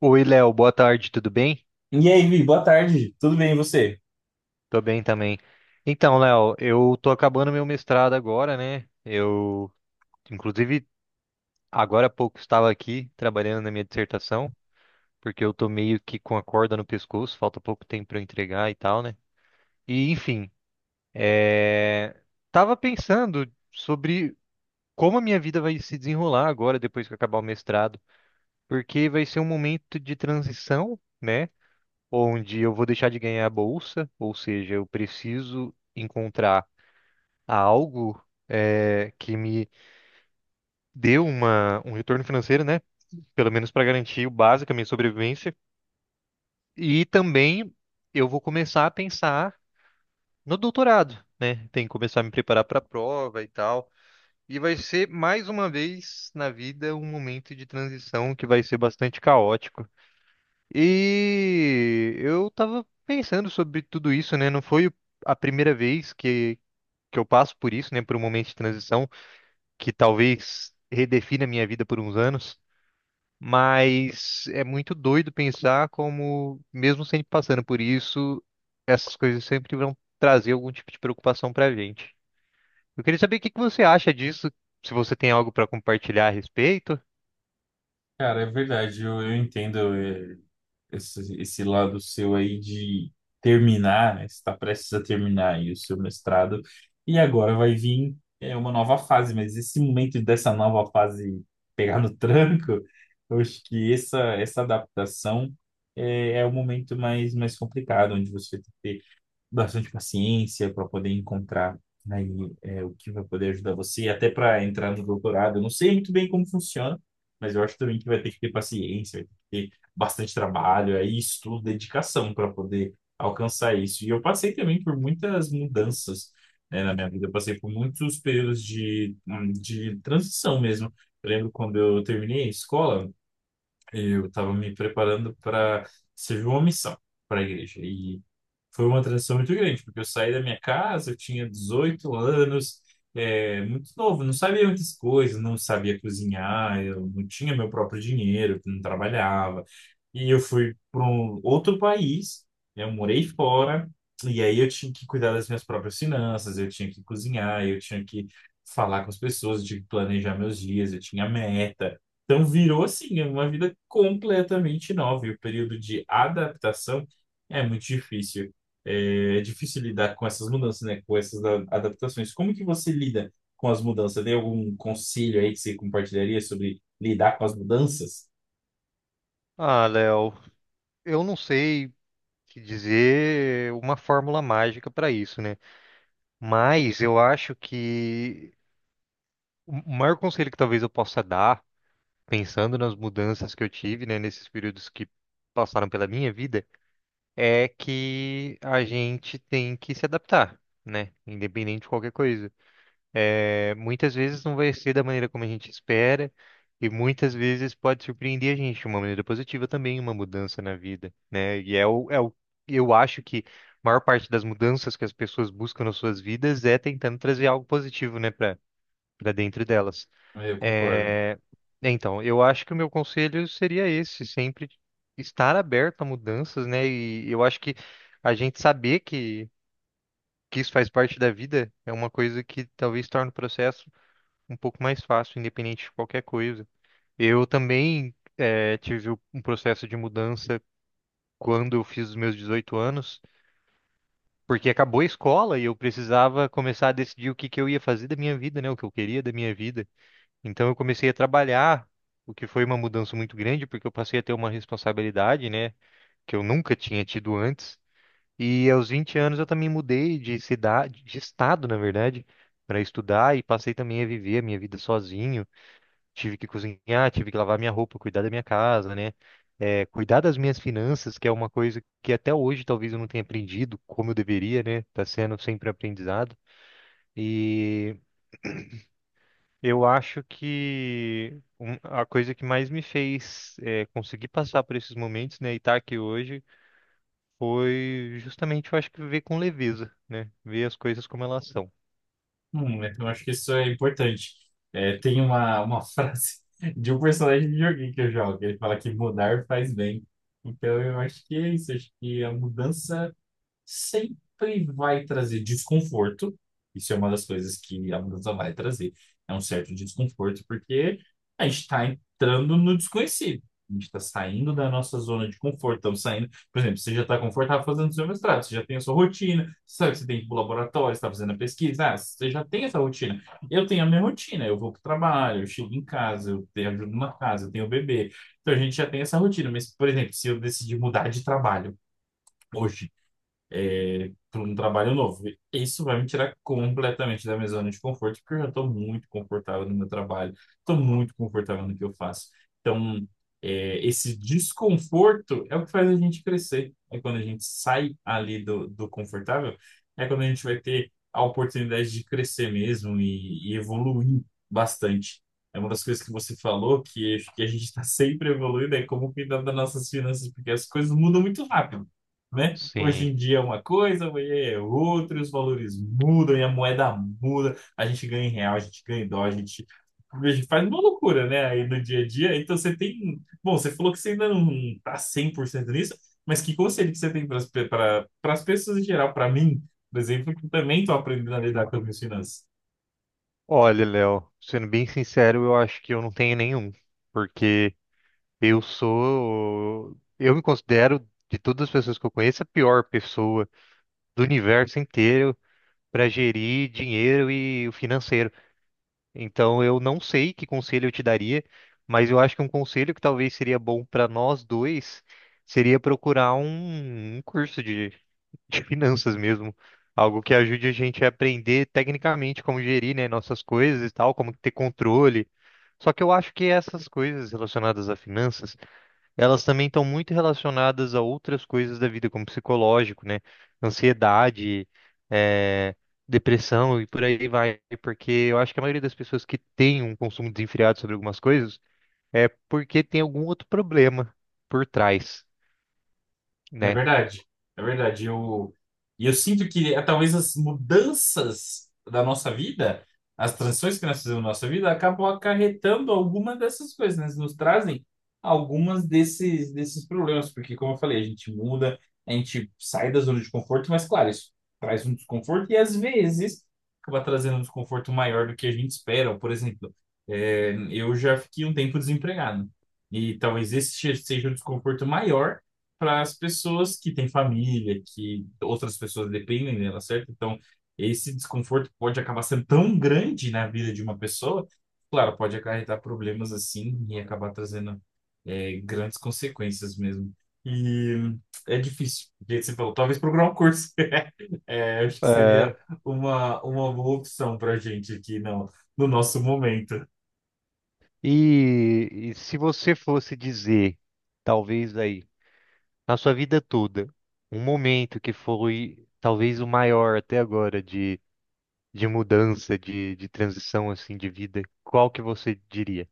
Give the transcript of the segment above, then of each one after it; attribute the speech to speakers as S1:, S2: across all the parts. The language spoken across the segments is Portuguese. S1: Oi, Léo, boa tarde, tudo bem?
S2: E aí, Vi, boa tarde. Tudo bem, e você?
S1: Tô bem também. Então, Léo, eu tô acabando meu mestrado agora, né? Eu, inclusive, agora há pouco estava aqui trabalhando na minha dissertação, porque eu tô meio que com a corda no pescoço, falta pouco tempo para eu entregar e tal, né? E, enfim, é... tava pensando sobre como a minha vida vai se desenrolar agora, depois que eu acabar o mestrado, porque vai ser um momento de transição, né? Onde eu vou deixar de ganhar a bolsa, ou seja, eu preciso encontrar algo que me dê um retorno financeiro, né? Pelo menos para garantir o básico, a minha sobrevivência. E também eu vou começar a pensar no doutorado, né? Tem que começar a me preparar para a prova e tal. E vai ser mais uma vez na vida um momento de transição que vai ser bastante caótico. E eu tava pensando sobre tudo isso, né? Não foi a primeira vez que eu passo por isso, né? Por um momento de transição que talvez redefina a minha vida por uns anos. Mas é muito doido pensar como, mesmo sempre passando por isso, essas coisas sempre vão trazer algum tipo de preocupação pra gente. Eu queria saber o que que você acha disso, se você tem algo pra compartilhar a respeito.
S2: Cara, é verdade, eu entendo esse lado seu aí de terminar, né? Você está prestes a terminar aí o seu mestrado, e agora vai vir uma nova fase, mas esse momento dessa nova fase pegar no tranco, eu acho que essa adaptação é o momento mais complicado, onde você tem que ter bastante paciência para poder encontrar aí o que vai poder ajudar você, até para entrar no doutorado. Eu não sei muito bem como funciona, mas eu acho também que vai ter que ter paciência, vai ter que ter bastante trabalho, aí estudo, dedicação para poder alcançar isso. E eu passei também por muitas mudanças, né, na minha vida. Eu passei por muitos períodos de de transição mesmo. Eu lembro quando eu terminei a escola, eu estava me preparando para servir uma missão para a igreja. E foi uma transição muito grande, porque eu saí da minha casa, eu tinha 18 anos, muito novo, não sabia muitas coisas, não sabia cozinhar, eu não tinha meu próprio dinheiro, não trabalhava. E eu fui para um outro país, né, eu morei fora, e aí eu tinha que cuidar das minhas próprias finanças, eu tinha que cozinhar, eu tinha que falar com as pessoas, eu tinha que planejar meus dias, eu tinha meta. Então virou assim uma vida completamente nova. E o período de adaptação é muito difícil. É É difícil lidar com essas mudanças, né? Com essas adaptações. Como que você lida com as mudanças? Tem algum conselho aí que você compartilharia sobre lidar com as mudanças?
S1: Ah, Léo, eu não sei. Que dizer uma fórmula mágica para isso, né? Mas eu acho que o maior conselho que talvez eu possa dar, pensando nas mudanças que eu tive, né, nesses períodos que passaram pela minha vida, é que a gente tem que se adaptar, né? Independente de qualquer coisa. É, muitas vezes não vai ser da maneira como a gente espera, e muitas vezes pode surpreender a gente de uma maneira positiva também, uma mudança na vida, né? Eu acho que a maior parte das mudanças que as pessoas buscam nas suas vidas é tentando trazer algo positivo, né, para dentro delas.
S2: É, eu concordo.
S1: É, então, eu acho que o meu conselho seria esse, sempre estar aberto a mudanças, né? E eu acho que a gente saber que isso faz parte da vida é uma coisa que talvez torne o processo um pouco mais fácil, independente de qualquer coisa. Eu também tive um processo de mudança quando eu fiz os meus 18 anos, porque acabou a escola e eu precisava começar a decidir o que que eu ia fazer da minha vida, né? O que eu queria da minha vida. Então eu comecei a trabalhar, o que foi uma mudança muito grande, porque eu passei a ter uma responsabilidade, né? Que eu nunca tinha tido antes. E aos 20 anos eu também mudei de cidade, de estado, na verdade, para estudar e passei também a viver a minha vida sozinho. Tive que cozinhar, tive que lavar minha roupa, cuidar da minha casa, né? É, cuidar das minhas finanças, que é uma coisa que até hoje talvez eu não tenha aprendido como eu deveria, né? Tá sendo sempre aprendizado. E eu acho que a coisa que mais me fez conseguir passar por esses momentos, né, e estar aqui hoje, foi justamente, eu acho que ver com leveza, né? Ver as coisas como elas são.
S2: Eu acho que isso é importante. É, tem uma frase de um personagem de joguinho que eu jogo, que ele fala que mudar faz bem. Então eu acho que é isso. Acho que a mudança sempre vai trazer desconforto. Isso é uma das coisas que a mudança vai trazer. É um certo desconforto, porque a gente está entrando no desconhecido. A gente está saindo da nossa zona de conforto. Estamos saindo, por exemplo, você já está confortável fazendo seu mestrado, você já tem a sua rotina, você sabe que você tem que ir para o laboratório, você está fazendo a pesquisa, ah, você já tem essa rotina. Eu tenho a minha rotina, eu vou para o trabalho, eu chego em casa, eu tenho ajuda na casa, eu tenho o bebê. Então a gente já tem essa rotina. Mas, por exemplo, se eu decidir mudar de trabalho hoje, para um trabalho novo. Isso vai me tirar completamente da minha zona de conforto, porque eu já estou muito confortável no meu trabalho, estou muito confortável no que eu faço. Então, esse desconforto é o que faz a gente crescer. É quando a gente sai ali do confortável, é quando a gente vai ter a oportunidade de crescer mesmo e evoluir bastante. É uma das coisas que você falou, que a gente está sempre evoluindo, é como cuidar das nossas finanças, porque as coisas mudam muito rápido, né? Hoje em
S1: Sim.
S2: dia é uma coisa, amanhã é outra, os valores mudam e a moeda muda. A gente ganha em real, a gente ganha em dólar, a gente faz uma loucura, né? Aí no dia a dia. Então você tem. Bom, você falou que você ainda não tá 100% nisso, mas que conselho que você tem para as pessoas em geral? Para mim, por exemplo, que também estou aprendendo a lidar com as minhas finanças.
S1: Olha, Léo, sendo bem sincero, eu acho que eu não tenho nenhum, porque eu sou. Eu me considero, de todas as pessoas que eu conheço, a pior pessoa do universo inteiro para gerir dinheiro e o financeiro. Então, eu não sei que conselho eu te daria, mas eu acho que um conselho que talvez seria bom para nós dois seria procurar um curso de, de finanças mesmo. Algo que ajude a gente a aprender tecnicamente como gerir, né, nossas coisas e tal, como ter controle. Só que eu acho que essas coisas relacionadas a finanças elas também estão muito relacionadas a outras coisas da vida, como psicológico, né? Ansiedade, eh, depressão e por aí vai. Porque eu acho que a maioria das pessoas que tem um consumo desenfreado sobre algumas coisas é porque tem algum outro problema por trás,
S2: É
S1: né?
S2: verdade, é verdade. E eu sinto que talvez as mudanças da nossa vida, as transições que nós fizemos na nossa vida, acabam acarretando algumas dessas coisas, né? Nos trazem algumas desses problemas, porque, como eu falei, a gente muda, a gente sai da zona de conforto, mas, claro, isso traz um desconforto e, às vezes, acaba trazendo um desconforto maior do que a gente espera. Por exemplo, eu já fiquei um tempo desempregado. E talvez esse seja o desconforto maior para as pessoas que têm família, que outras pessoas dependem dela, certo? Então, esse desconforto pode acabar sendo tão grande na vida de uma pessoa, claro, pode acarretar problemas assim e acabar trazendo grandes consequências mesmo. E é difícil, do jeito que você falou, talvez procurar um curso. É, acho que seria
S1: É.
S2: uma boa opção para a gente aqui no nosso momento.
S1: E se você fosse dizer, talvez aí, na sua vida toda, um momento que foi talvez o maior até agora de mudança, de transição assim de vida, qual que você diria?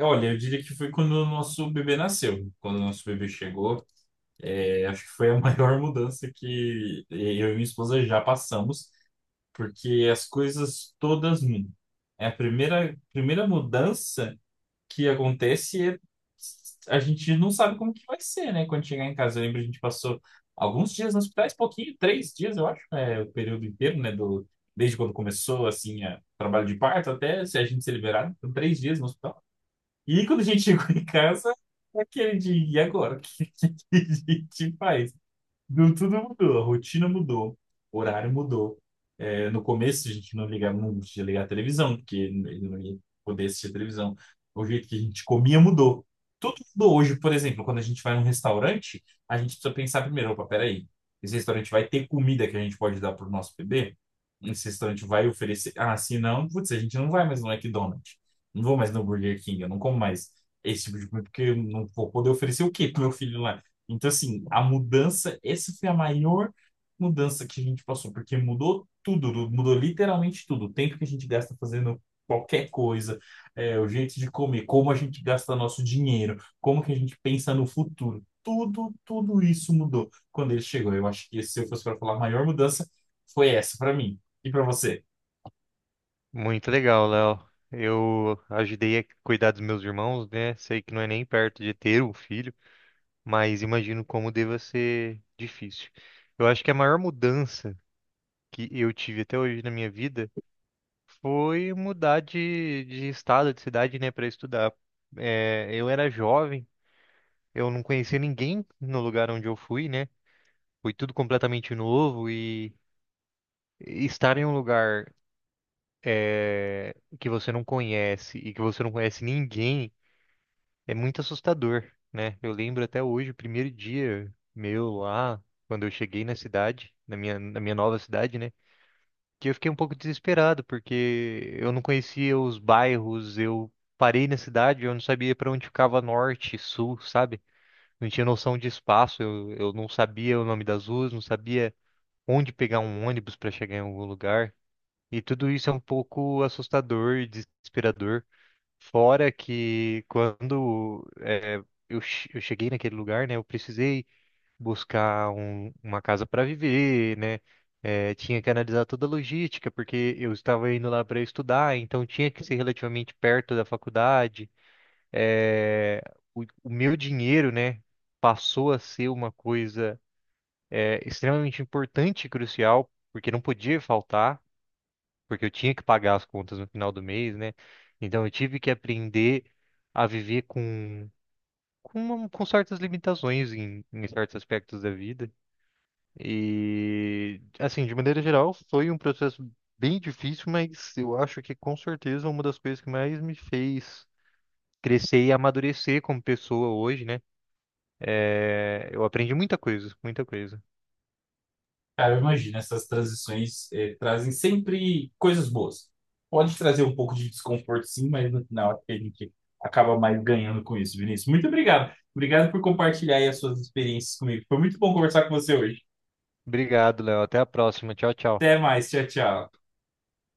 S2: Olha, eu diria que foi quando o nosso bebê nasceu, quando o nosso bebê chegou. É, acho que foi a maior mudança que eu e minha esposa já passamos, porque as coisas todas mudam. É a primeira mudança que acontece é a gente não sabe como que vai ser, né? Quando chegar em casa, eu lembro, a gente passou alguns dias no hospital, esse pouquinho, três dias, eu acho, é o período inteiro, né? Do, desde quando começou, assim, a, trabalho de parto até se a gente ser liberado, então, três dias no hospital. E quando a gente chegou em casa, é aquele dia e agora? O que, que a gente faz? Tudo mudou, a rotina mudou, o horário mudou. É, no começo a gente não ligava, não podia ligar a televisão, porque não ia poder assistir a televisão. O jeito que a gente comia mudou. Tudo mudou hoje, por exemplo, quando a gente vai num restaurante, a gente precisa pensar primeiro, opa, peraí, esse restaurante vai ter comida que a gente pode dar para o nosso bebê? Esse restaurante vai oferecer? Ah, se não, putz, a gente não vai mais no McDonald's. Não vou mais no Burger King, eu não como mais esse tipo de comida, porque eu não vou poder oferecer o quê pro meu filho lá? Então, assim, a mudança, essa foi a maior mudança que a gente passou, porque mudou tudo, mudou literalmente tudo. O tempo que a gente gasta fazendo qualquer coisa, é, o jeito de comer, como a gente gasta nosso dinheiro, como que a gente pensa no futuro. Tudo, tudo isso mudou quando ele chegou. Eu acho que se eu fosse para falar, a maior mudança foi essa para mim. E para você?
S1: Muito legal, Léo. Eu ajudei a cuidar dos meus irmãos, né? Sei que não é nem perto de ter um filho, mas imagino como deva ser difícil. Eu acho que a maior mudança que eu tive até hoje na minha vida foi mudar de estado, de cidade, né, para estudar. É, eu era jovem, eu não conhecia ninguém no lugar onde eu fui, né? Foi tudo completamente novo e estar em um lugar eh, que você não conhece e que você não conhece ninguém é muito assustador, né? Eu lembro até hoje, o primeiro dia meu lá, quando eu cheguei na cidade, na minha nova cidade, né? Que eu fiquei um pouco desesperado, porque eu não conhecia os bairros, eu parei na cidade, eu não sabia para onde ficava norte, sul, sabe? Não tinha noção de espaço, eu não sabia o nome das ruas, não sabia onde pegar um ônibus para chegar em algum lugar. E tudo isso é um pouco assustador e desesperador. Fora que quando eu cheguei naquele lugar, né, eu precisei buscar uma casa para viver, né? Tinha que analisar toda a logística, porque eu estava indo lá para estudar, então tinha que ser relativamente perto da faculdade. Eh, o meu dinheiro, né, passou a ser uma coisa extremamente importante e crucial, porque não podia faltar porque eu tinha que pagar as contas no final do mês, né? Então eu tive que aprender a viver com, com certas limitações em certos aspectos da vida. E assim, de maneira geral, foi um processo bem difícil, mas eu acho que com certeza uma das coisas que mais me fez crescer e amadurecer como pessoa hoje, né? É, eu aprendi muita coisa, muita coisa.
S2: Cara, eu imagino, essas transições trazem sempre coisas boas. Pode trazer um pouco de desconforto, sim, mas no final acho que a gente acaba mais ganhando com isso, Vinícius. Muito obrigado. Obrigado por compartilhar aí as suas experiências comigo. Foi muito bom conversar com você hoje.
S1: Obrigado, Léo. Até a próxima. Tchau, tchau.
S2: Até mais. Tchau, tchau.